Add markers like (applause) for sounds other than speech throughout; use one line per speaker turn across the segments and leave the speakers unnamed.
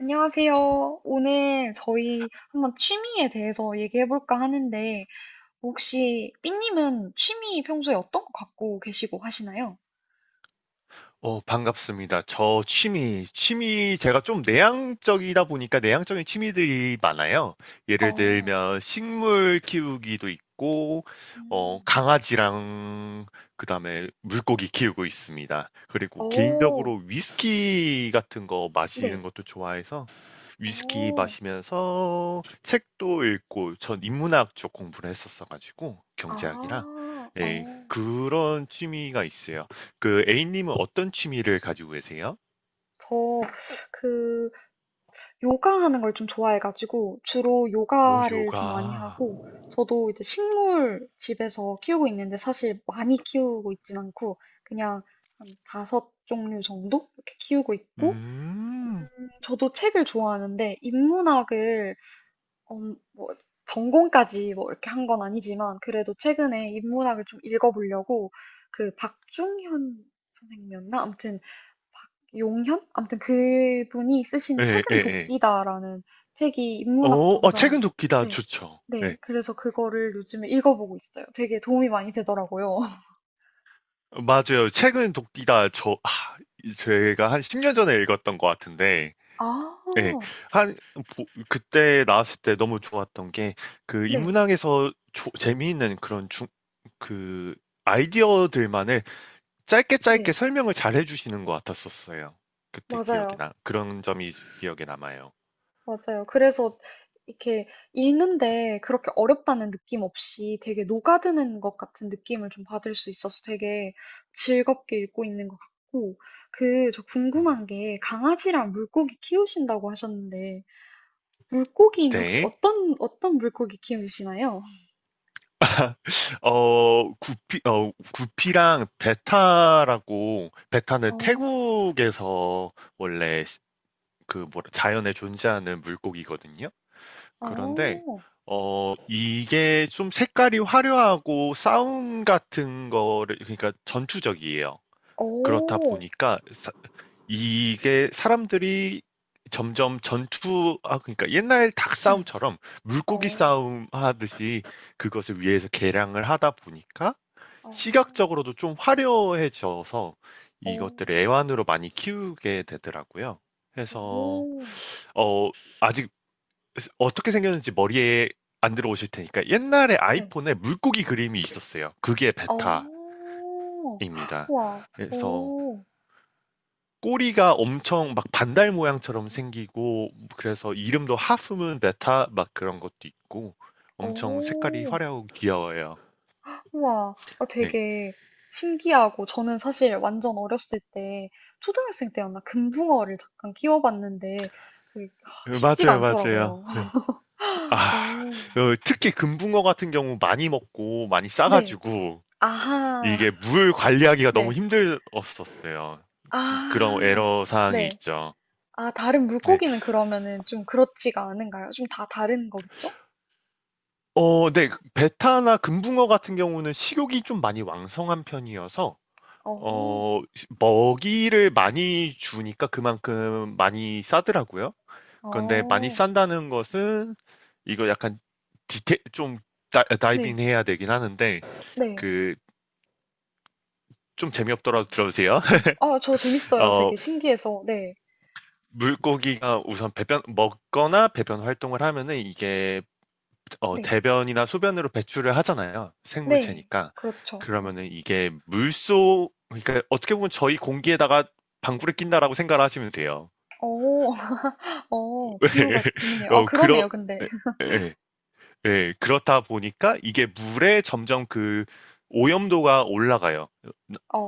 안녕하세요. 오늘 저희 한번 취미에 대해서 얘기해 볼까 하는데, 혹시 삐님은 취미 평소에 어떤 거 갖고 계시고 하시나요?
반갑습니다. 저 취미, 제가 좀 내향적이다 보니까 내향적인 취미들이 많아요. 예를
어,
들면 식물 키우기도 있고
음,
강아지랑 그다음에 물고기 키우고 있습니다. 그리고
오,
개인적으로 위스키 같은 거 마시는
네,
것도 좋아해서 위스키
오,
마시면서 책도 읽고 전 인문학 쪽 공부를 했었어 가지고 경제학이랑
아,
예,
어,
그런 취미가 있어요. 그 A님은 어떤 취미를 가지고 계세요?
저, 그, 요가하는 걸 좀 좋아해가지고 주로
오,
요가를 좀 많이
요가.
하고 저도 이제 식물 집에서 키우고 있는데 사실 많이 키우고 있진 않고 그냥 한 다섯 종류 정도 이렇게 키우고 있고
음.
저도 책을 좋아하는데 인문학을 뭐 전공까지 뭐 이렇게 한 건 아니지만 그래도 최근에 인문학을 좀 읽어보려고 그 박중현 선생님이었나? 아무튼 용현? 아무튼 그분이 쓰신
예, 예,
책은
예.
도끼다라는 책이 인문학
어,
쪽에서
책은 돕기다
네,
좋죠.
네.
네.
그래서 그거를 요즘에 읽어보고 있어요. 되게 도움이 많이 되더라고요. (laughs)
맞아요. 책은 돕기다 제가 한 10년 전에 읽었던 것 같은데,
아,
예. 한, 그때 나왔을 때 너무 좋았던 게, 그
네,
인문학에서 재미있는 그런 그 아이디어들만을 짧게 짧게
네.
설명을 잘 해주시는 것 같았었어요. 그때 기억이
맞아요.
나, 그런 점이 기억에 남아요.
맞아요. 그래서 이렇게 읽는데 그렇게 어렵다는 느낌 없이 되게 녹아드는 것 같은 느낌을 좀 받을 수 있어서 되게 즐겁게 읽고 있는 것 같고, 그, 저
음.
궁금한 게 강아지랑 물고기 키우신다고 하셨는데, 물고기는 혹시
네.
어떤 물고기 키우시나요?
(laughs) 구피랑 베타라고, 베타는
어,
태국에서 원래 그 뭐라, 자연에 존재하는 물고기거든요. 그런데,
어,
이게 좀 색깔이 화려하고 싸움 같은 거를, 그러니까 전투적이에요. 그렇다
어,
보니까 이게 사람들이 점점 그러니까 옛날 닭
네,
싸움처럼 물고기
어,
싸움 하듯이 그것을 위해서 개량을 하다 보니까
어,
시각적으로도 좀 화려해져서
어,
이것들을 애완으로 많이 키우게 되더라고요. 그래서,
오,
어, 아직 어떻게 생겼는지 머리에 안 들어오실 테니까 옛날에
네,
아이폰에 물고기 그림이 있었어요. 그게
어,
베타입니다.
와,
그래서
오,
꼬리가 엄청 막 반달 모양처럼 생기고 그래서 이름도 하프문 베타 막 그런 것도 있고 엄청 색깔이
오,
화려하고 귀여워요.
와, 어,
네.
되게 신기하고 저는 사실 완전 어렸을 때 초등학생 때였나 금붕어를 잠깐 키워봤는데 그게 하, 쉽지가
맞아요, 맞아요.
않더라고요. (laughs)
아,
오,
특히 금붕어 같은 경우 많이 먹고 많이
네,
싸가지고
아하,
이게 물 관리하기가 너무
네.
힘들었었어요. 그런
아.
에러 사항이
네.
있죠.
아 다른
네.
물고기는 그러면은 좀 그렇지가 않은가요? 좀 다 다른 거겠죠?
네. 베타나 금붕어 같은 경우는 식욕이 좀 많이 왕성한 편이어서
어.
어, 먹이를 많이 주니까 그만큼 많이 싸더라고요. 그런데 많이
어.
싼다는 것은 이거 약간 좀 다이빙
네.
해야 되긴 하는데
네.
그 좀
음.
재미없더라도 들어주세요.
음.
(laughs)
아 저 재밌어요.
어,
되게 신기해서. 네.
물고기가 우선 배변 먹거나 배변 활동을 하면은 이게
네.
대변이나 소변으로 배출을 하잖아요.
네.
생물체니까.
그렇죠. 음.
그러면은 이게 물속 그러니까 어떻게 보면 저희 공기에다가 방구를 낀다라고 생각을 하시면 돼요.
어. (laughs) 어. 비유가
(laughs)
재밌네요. 아
어, 그러,
그러네요 근데.
예,
(laughs)
예, 예, 그렇다 보니까 이게 물에 점점 그 오염도가 올라가요.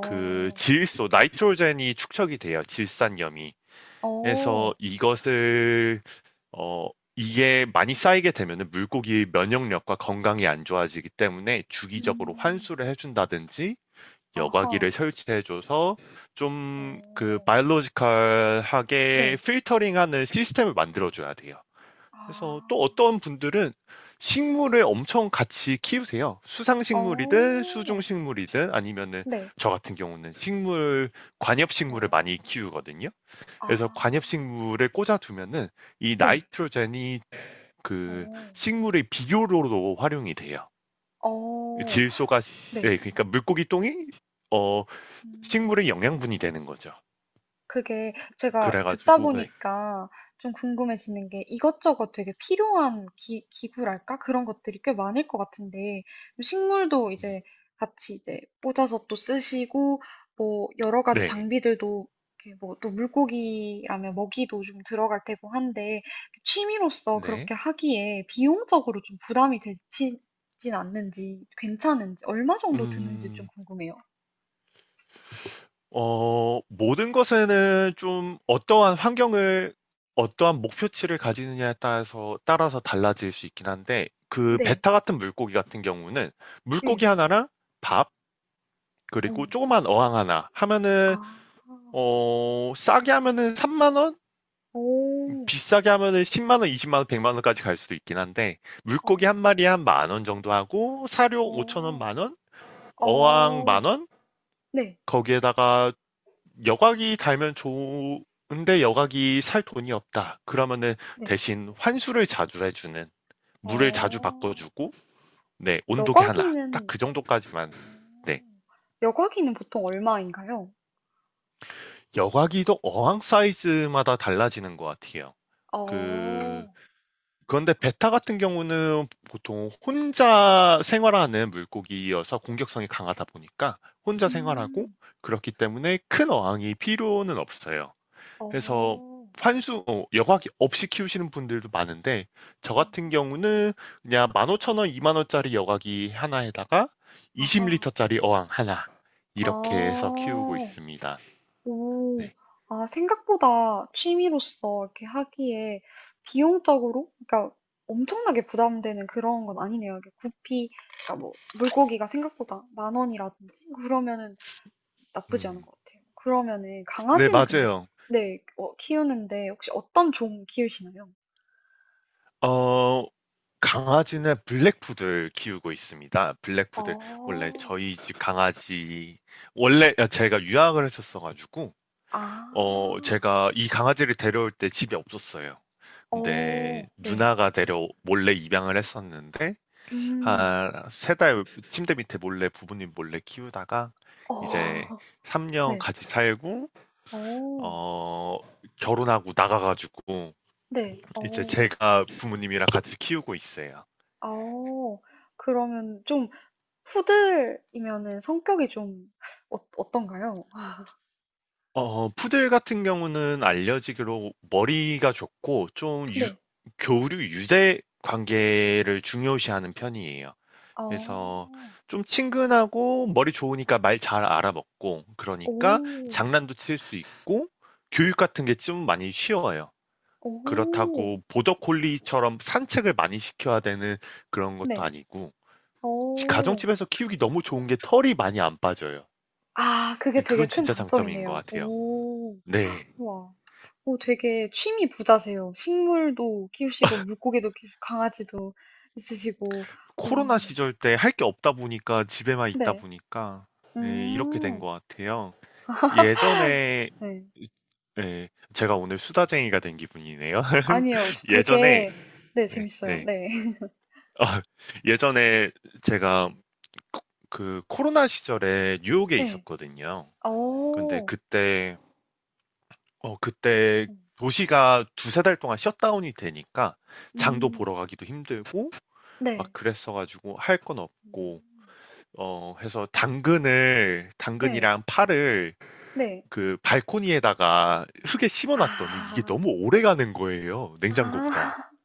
그 질소, 나이트로젠이 축적이 돼요. 질산염이. 그래서
어.
이것을, 어, 이게 많이 쌓이게 되면은 물고기의 면역력과 건강이 안 좋아지기 때문에 주기적으로
음.
환수를 해준다든지 여과기를
아하.
설치해줘서 좀 그
어.
바이올로지컬하게
네.
필터링하는 시스템을 만들어줘야 돼요. 그래서 또
아.
어떤 분들은 식물을 엄청 같이 키우세요.
어.
수상식물이든 수중식물이든 아니면은
네.
저 같은 경우는 식물,
어.
관엽식물을 많이 키우거든요.
아.
그래서 관엽식물에 꽂아두면은 이
네.
나이트로젠이 그
어.
식물의 비료로도 활용이 돼요.
어.
질소가,
네.
네, 그러니까 물고기 똥이 어,
음.
식물의 영양분이 되는 거죠.
그게 제가 듣다
그래가지고, 네.
보니까 좀 궁금해지는 게 이것저것 되게 필요한 기구랄까? 그런 것들이 꽤 많을 것 같은데, 식물도 이제 같이 이제 꽂아서 또 쓰시고, 뭐, 여러 가지
네.
장비들도 이렇게 뭐, 또 물고기라면 먹이도 좀 들어갈 테고 한데, 취미로서
네.
그렇게 하기에 비용적으로 좀 부담이 되진 않는지, 괜찮은지, 얼마 정도 드는지 좀
음.
궁금해요.
모든 것에는 좀 어떠한 환경을, 어떠한 목표치를 가지느냐에 따라서, 달라질 수 있긴 한데, 그
네.
베타 같은 물고기 같은 경우는
네.
물고기 하나랑 밥,
어.
그리고 조그만 어항 하나 하면은,
아.
싸게 하면은 3만 원?
오.
비싸게 하면은 10만 원, 20만 원, 100만 원까지 갈 수도 있긴 한데,
어.
물고기 한 마리에 한 만원 정도 하고, 사료 5천 원
어.
만원? 어항
어.
만원?
네.
거기에다가 여각이 달면 좋은데 여각이 살 돈이 없다. 그러면은
네.
대신 환수를 자주 해주는, 물을 자주
어.
바꿔주고, 네, 온도계 하나. 딱
여과기는
그 정도까지만.
어.
네.
여과기는 보통 얼마인가요?
여각이도 어항 사이즈마다 달라지는 것 같아요.
어.
그, 그런데 베타 같은 경우는 보통 혼자 생활하는 물고기여서 공격성이 강하다 보니까 혼자 생활하고
음.
그렇기 때문에 큰 어항이 필요는 없어요. 해서
어.
환수 여과기 없이 키우시는 분들도 많은데 저 같은
음.
경우는 그냥 15,000원, 2만 원짜리 여과기 하나에다가
아하.
20리터짜리 어항 하나 이렇게 해서 키우고
아.
있습니다.
오.
네,
아 생각보다 취미로서 이렇게 하기에 비용적으로 그러니까 엄청나게 부담되는 그런 건 아니네요. 이게 구피 그러니까 뭐 물고기가 생각보다 만 원이라든지 그러면은 나쁘지 않은
음,
것 같아요. 그러면은
네
강아지는 근데
맞아요.
네, 어, 키우는데 혹시 어떤 종 키우시나요?
어, 강아지는 블랙푸들 키우고 있습니다. 블랙푸들 원래
어.
저희 집 강아지 원래 제가 유학을 했었어가지고
아.
제가 이 강아지를 데려올 때 집이 없었어요. 근데
어. 네.
누나가 데려 몰래 입양을 했었는데
음.
한 세 달 침대 밑에 몰래 부모님 몰래 키우다가 이제
어. (laughs)
3년
네.
같이 살고
어.
어 결혼하고 나가가지고
네.
이제
어.
제가 부모님이랑 같이 키우고 있어요.
어. 그러면 좀 푸들이면은 성격이 좀 어, 어떤가요?
푸들 같은 경우는 알려지기로 머리가 좋고 좀
네.
교류 유대 관계를 중요시하는 편이에요. 그래서
어.
좀 친근하고 머리 좋으니까 말 잘 알아먹고 그러니까
오.
장난도 칠 수 있고 교육 같은 게 좀 많이 쉬워요.
오.
그렇다고 보더콜리처럼 산책을 많이 시켜야 되는 그런 것도
네.
아니고
어.
가정집에서 키우기 너무 좋은 게 털이 많이 안 빠져요.
아, 그게 되게
그건
큰
진짜 장점인 것
장점이네요.
같아요.
오.
네.
와, 오, 되게 취미 부자세요. 식물도 키우시고, 물고기도 키우시고, 강아지도 있으시고,
코로나
음,
시절 때 할 게 없다 보니까 집에만 있다
네,
보니까 네, 이렇게 된
음,
것 같아요. 예전에.
네.
네, 제가 오늘 수다쟁이가 된 기분이네요. (laughs)
아니요, 저
예전에.
되게, 네,
예,
재밌어요.
예.
네, (laughs)
아, 예전에 제가 코- 그 코로나 시절에 뉴욕에
네,
있었거든요. 근데
오,
그때 도시가 두세 달 동안 셧다운이 되니까 장도
음,
보러 가기도 힘들고 막
네,
그랬어 가지고 할 건 없고
음,
해서 당근을
네,
당근이랑 파를
네.
그 발코니에다가 흙에 심어 놨더니 이게
아,
너무 오래 가는 거예요.
아,
냉장고보다.
(laughs)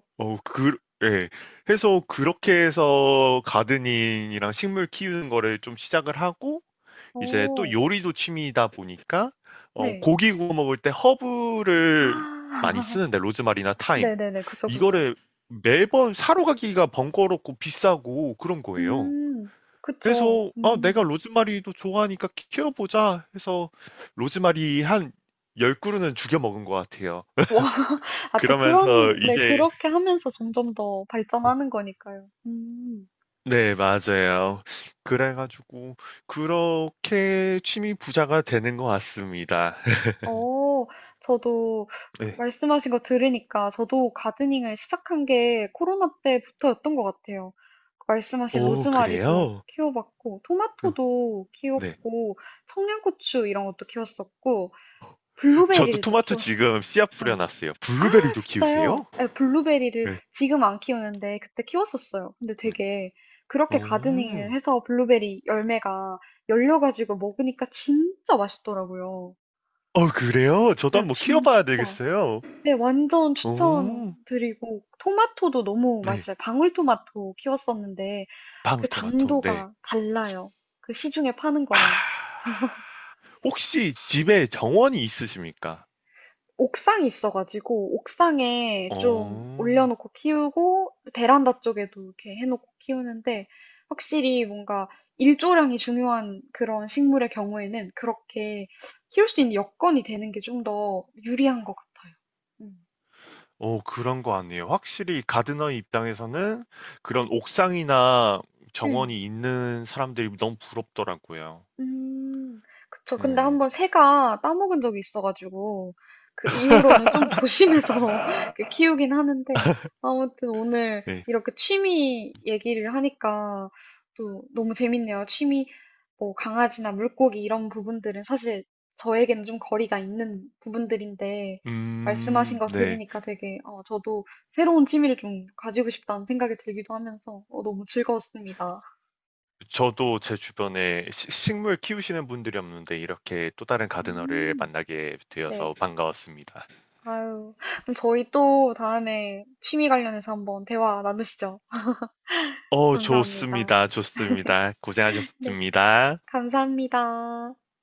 오,
어, 그, 예. 해서 그렇게 해서 가드닝이랑 식물 키우는 거를 좀 시작을 하고, 이제 또
오,
요리도 취미이다 보니까,
네,
고기 구워 먹을 때
아,
허브를 많이
(laughs)
쓰는데, 로즈마리나 타임.
네네네, 그죠, 그죠.
이거를 매번 사러 가기가 번거롭고 비싸고 그런 거예요.
음, 그쵸,
그래서, 내가 로즈마리도 좋아하니까 키워보자 해서, 로즈마리 한 10그루는 죽여 먹은 것 같아요.
아, 또
그러면서
그런, 네,
이제,
그렇게 하면서 점점 더 발전하는 거니까요.
네, 맞아요. 그래 가지고 그렇게 취미 부자가 되는 것 같습니다. (laughs)
어, 저도
네.
말씀하신 거 들으니까 저도 가드닝을 시작한 게 코로나 때부터였던 것 같아요. 말씀하신
오,
로즈마리도
그래요?
키워봤고,
어,
토마토도
네.
키웠고, 청양고추 이런 것도 키웠었고,
저도
블루베리를 또
토마토 지금
키웠었어요.
씨앗
네.
뿌려놨어요. 블루베리도
진짜요?
키우세요?
예, 블루베리를
네.
지금 안 키우는데 그때 키웠었어요. 근데
네.
되게 그렇게 가드닝을
오.
해서 블루베리 열매가 열려가지고 먹으니까 진짜 맛있더라고요.
그래요? 저도
네,
한번 키워봐야
진짜.
되겠어요.
네, 완전
오.
추천드리고 토마토도 너무
네.
맛있어요. 방울토마토 키웠었는데 그
방울토마토. 네.
당도가 달라요. 그 시중에 파는
아.
거랑.
혹시 집에 정원이 있으십니까?
옥상이 있어가지고 옥상에 좀
어.
올려놓고 키우고 베란다 쪽에도 이렇게 해놓고 키우는데 확실히 뭔가 일조량이 중요한 그런 식물의 경우에는 그렇게 키울 수 있는 여건이 되는 게 좀 더 유리한 것 같아요. 음.
그런 거 아니에요. 확실히 가드너의 입장에서는 그런 옥상이나
네.
정원이 있는 사람들이 너무 부럽더라고요.
음, 그쵸. 근데
음,
한번 새가 따먹은 적이 있어가지고, 그 이후로는 좀 (laughs) 조심해서 그 키우긴 하는데, 아무튼 오늘
네.
이렇게 취미 얘기를 하니까 또 너무 재밌네요. 취미, 뭐 강아지나 물고기 이런 부분들은 사실 저에게는 좀 거리가 있는 부분들인데, 말씀하신 거
네.
들으니까 되게, 어, 저도 새로운 취미를 좀 가지고 싶다는 생각이 들기도 하면서, 어, 너무 즐거웠습니다.
저도 제 주변에 식물 키우시는 분들이 없는데 이렇게 또 다른 가드너를
음,
만나게 되어서
네.
반가웠습니다.
아유, 그럼 저희 또 다음에 취미 관련해서 한번 대화 나누시죠. 감사합니다.
좋습니다. 좋습니다.
네,
고생하셨습니다.
감사합니다.